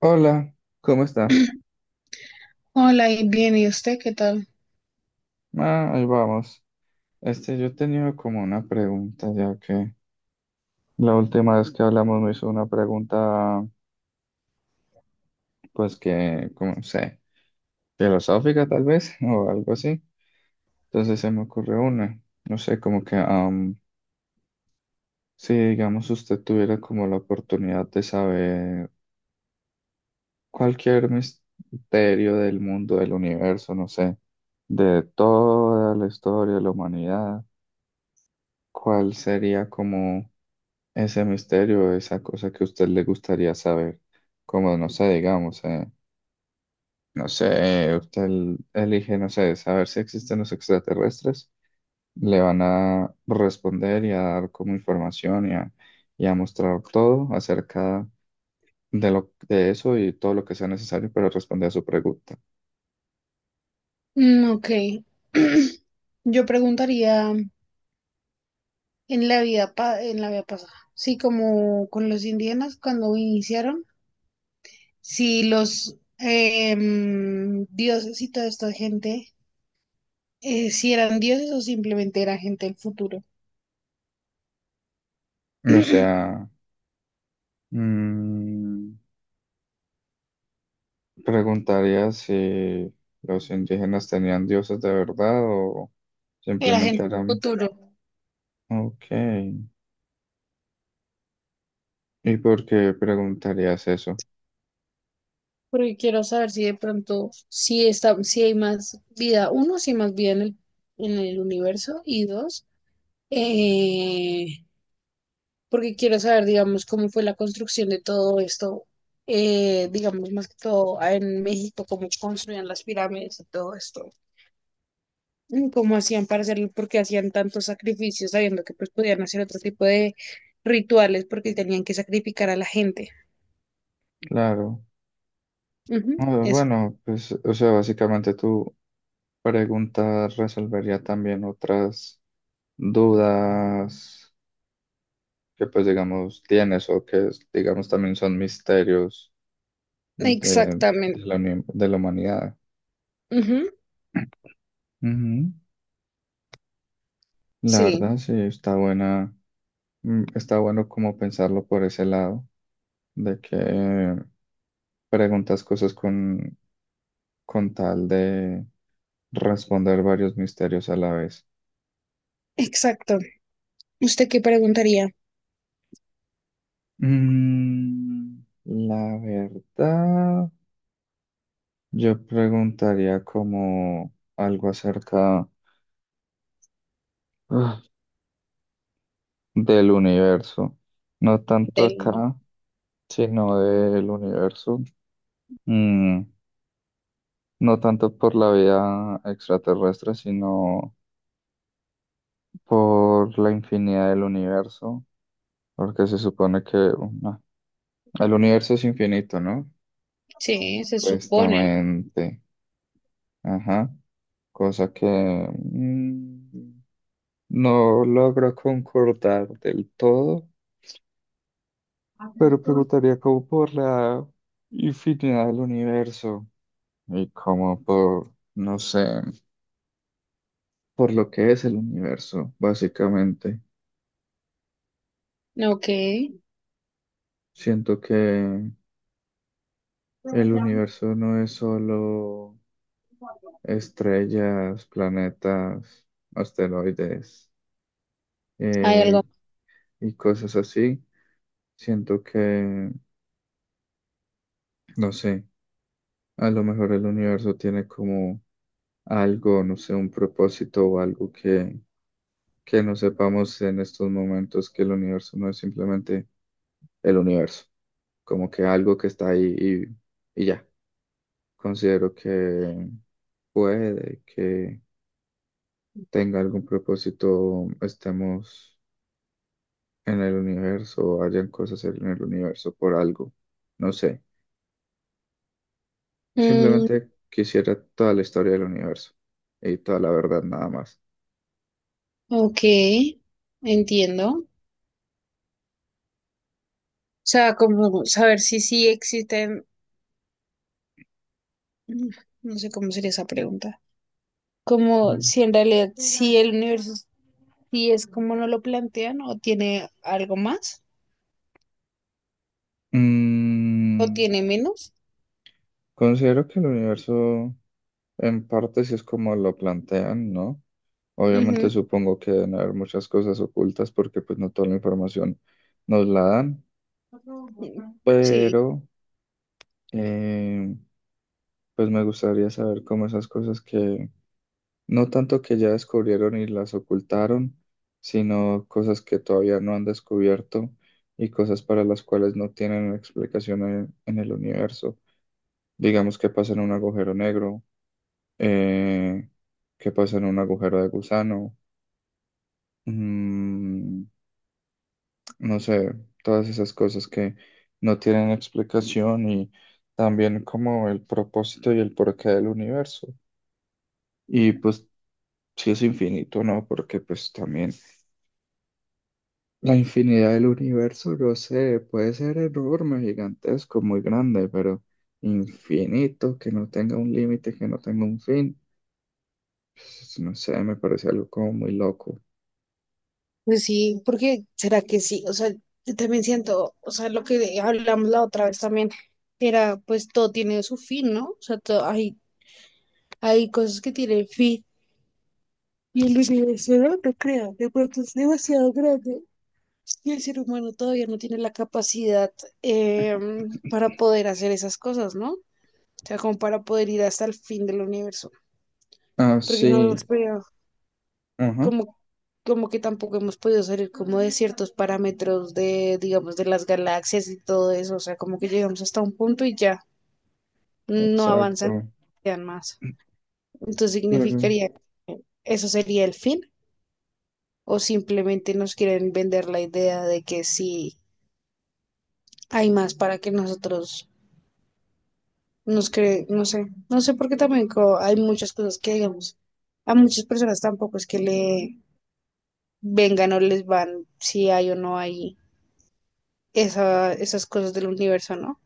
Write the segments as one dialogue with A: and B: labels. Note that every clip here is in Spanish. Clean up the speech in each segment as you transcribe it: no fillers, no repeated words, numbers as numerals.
A: Hola, ¿cómo está?
B: Hola, y bien, ¿y usted qué tal?
A: Ah, ahí vamos. Este, yo tenía como una pregunta, ya que la última vez que hablamos me hizo una pregunta, pues que, como no sé, filosófica tal vez, o algo así. Entonces se me ocurrió una, no sé, como que, si digamos usted tuviera como la oportunidad de saber cualquier misterio del mundo, del universo, no sé, de toda la historia de la humanidad, ¿cuál sería como ese misterio, esa cosa que a usted le gustaría saber, como no sé, digamos, no sé, elige, no sé, saber si existen los extraterrestres, le van a responder y a dar como información y a mostrar todo acerca de eso y todo lo que sea necesario para responder a su pregunta.
B: Mm, ok. Yo preguntaría en la vida pasada, sí, como con los indígenas cuando iniciaron, si los dioses y toda esta gente, si eran dioses o simplemente era gente del futuro.
A: O sea, mm, preguntaría si los indígenas tenían dioses de verdad o
B: Era
A: simplemente
B: gente del
A: eran...
B: futuro.
A: Ok. ¿Y por qué preguntarías eso?
B: Porque quiero saber si de pronto, si está, si hay más vida, uno, si hay más vida en el universo, y dos, eh, porque quiero saber, digamos, cómo fue la construcción de todo esto, digamos, más que todo ah, en México, cómo construían las pirámides y todo esto, y cómo hacían para hacerlo, porque hacían tantos sacrificios, sabiendo que pues podían hacer otro tipo de rituales porque tenían que sacrificar a la gente.
A: Claro.
B: Ujú,
A: Ah,
B: eso.
A: bueno, pues, o sea, básicamente tu pregunta resolvería también otras dudas que, pues, digamos, tienes o que, digamos, también son misterios
B: Exactamente.
A: de la humanidad.
B: Ujú,
A: Ujú. La
B: sí,
A: verdad, sí, está buena, mm, está bueno como pensarlo por ese lado, de que preguntas cosas con tal de responder varios misterios a la vez.
B: exacto. ¿Usted qué preguntaría
A: Mm, la verdad, yo preguntaría como algo acerca ah, del universo, no tanto
B: del...
A: acá, sino del universo. Mm, no tanto por la vida extraterrestre, sino por la infinidad del universo, porque se supone que el universo es infinito, ¿no?
B: Sí, se supone.
A: Supuestamente, ajá, cosa que mm, no logro concordar del todo, pero preguntaría como por la infinidad del universo y como por, no sé, por lo que es el universo, básicamente.
B: ¿No? Ok.
A: Siento que el universo no es solo estrellas, planetas, asteroides,
B: Hay
A: eh,
B: algo.
A: y cosas así. Siento que, no sé, a lo mejor el universo tiene como algo, no sé, un propósito o algo que no sepamos en estos momentos, que el universo no es simplemente el universo, como que algo que está ahí y ya. Considero que puede que tenga algún propósito, estemos en el universo o hayan cosas en el universo por algo, no sé.
B: Mm,
A: Simplemente quisiera toda la historia del universo y toda la verdad nada más.
B: ok, entiendo. O sea, como saber si sí existen, mm, no sé cómo sería esa pregunta. Como
A: Mm.
B: si en realidad si el universo sí es como no lo plantean o tiene algo más o
A: Mm,
B: tiene menos.
A: considero que el universo en parte sí es como lo plantean, ¿no?
B: Ujú,
A: Obviamente supongo que deben haber muchas cosas ocultas porque pues no toda la información nos la dan,
B: mm, sí,
A: pero eh, pues me gustaría saber cómo esas cosas que no tanto que ya descubrieron y las ocultaron, sino cosas que todavía no han descubierto y cosas para las cuales no tienen explicación en el universo. Digamos que pasa en un agujero negro, eh, que pasa en un agujero de gusano, mm, no sé, todas esas cosas que no tienen explicación y también como el propósito y el porqué del universo. Y pues, si es infinito, ¿no? Porque pues también la infinidad del universo, no sé, puede ser enorme, gigantesco, muy grande, pero infinito, que no tenga un límite, que no tenga un fin, pues, no sé, me parece algo como muy loco.
B: pues sí, porque será que sí, o sea, yo también siento, o sea, lo que hablamos la otra vez también era, pues todo tiene su fin, ¿no? O sea, todo, hay cosas que tienen fin. Y el universo no, lo crea de pronto es demasiado grande y el ser humano todavía no tiene la capacidad para poder hacer esas cosas, ¿no? O sea, como para poder ir hasta el fin del universo,
A: Ah,
B: porque no
A: sí,
B: hemos podido,
A: ajá,
B: como, como que tampoco hemos podido salir como de ciertos parámetros de, digamos, de las galaxias y todo eso, o sea, como que llegamos hasta un punto y ya no avanzan
A: exacto.
B: más. Entonces
A: Pero
B: significaría que eso sería el fin. O simplemente nos quieren vender la idea de que sí hay más para que nosotros nos creen, no sé, no sé porque también hay muchas cosas que digamos, a muchas personas tampoco es que le vengan o les van si hay o no hay esa, esas cosas del universo, ¿no?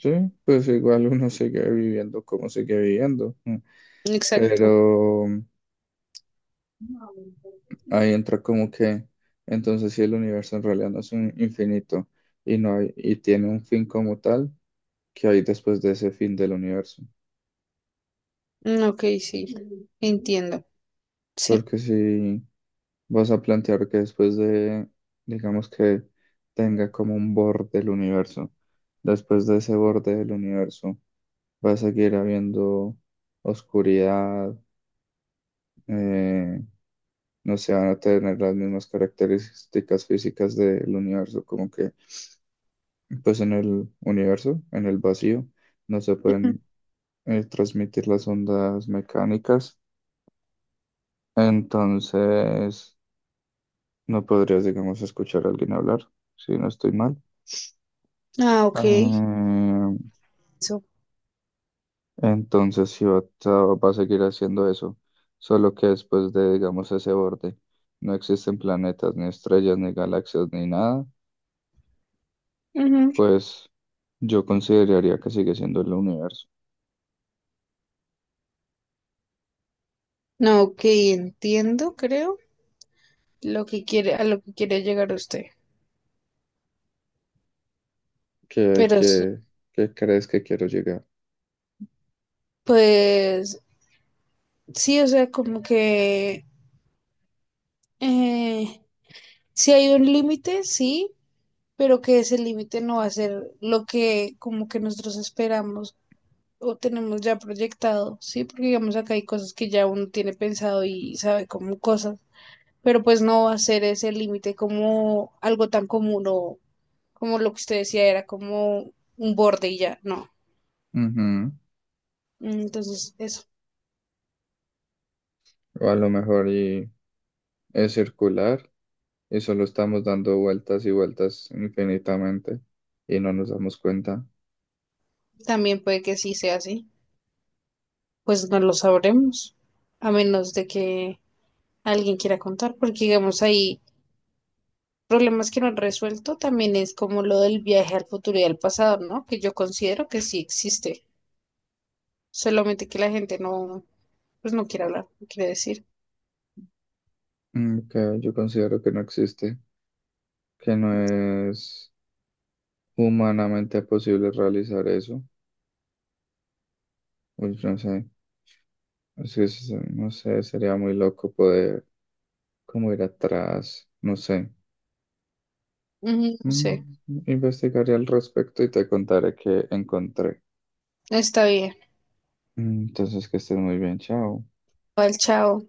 A: sí, pues igual uno sigue viviendo como sigue viviendo, mm,
B: Exacto.
A: pero mm, ahí entra como que entonces si el universo en realidad no es un infinito y no hay, y tiene un fin como tal, ¿qué hay después de ese fin del universo?
B: Mm, ok, sí, entiendo. Sí.
A: Porque si vas a plantear que después de, digamos que tenga como un borde el universo, después de ese borde del universo va a seguir habiendo oscuridad, eh, no se van a tener las mismas características físicas del universo, como que pues en el universo, en el vacío, no se
B: Ujú.
A: pueden transmitir las ondas mecánicas, entonces no podrías, digamos, escuchar a alguien hablar, si no estoy mal.
B: Ah, ok.
A: Eh,
B: Eso.
A: entonces sí va, a va a seguir haciendo eso, solo que después de, digamos, ese borde, no existen planetas, ni estrellas, ni galaxias, ni nada.
B: Ujú.
A: Pues yo consideraría que sigue siendo el universo.
B: No, ok, entiendo, creo, lo que quiere, a lo que quiere llegar usted.
A: ¿Qué,
B: Pero sí.
A: qué, qué crees que quiero llegar?
B: Pues sí, o sea, como que eh, sí hay un límite, sí, pero que ese límite no va a ser lo que como que nosotros esperamos o tenemos ya proyectado, sí, porque digamos acá hay cosas que ya uno tiene pensado y sabe como cosas, pero pues no va a ser ese límite como algo tan común o como lo que usted decía era como un borde y ya, no.
A: Ujú.
B: Entonces, eso
A: O a lo mejor y es circular y solo estamos dando vueltas y vueltas infinitamente y no nos damos cuenta.
B: también puede que sí sea así. Pues no lo sabremos, a menos de que alguien quiera contar, porque digamos hay problemas que no han resuelto también es como lo del viaje al futuro y al pasado, ¿no? Que yo considero que sí existe, solamente que la gente no, pues no quiere hablar, no quiere decir.
A: Mm, que yo considero que no existe, que no es humanamente posible realizar eso. Uy, no sé, es que no sé, sería muy loco poder como ir atrás, no sé.
B: Ujú, no sé,
A: Mm, investigaré al respecto y te contaré qué encontré.
B: está bien.
A: Mm, entonces, que estés muy bien, chao.
B: Igual, chao.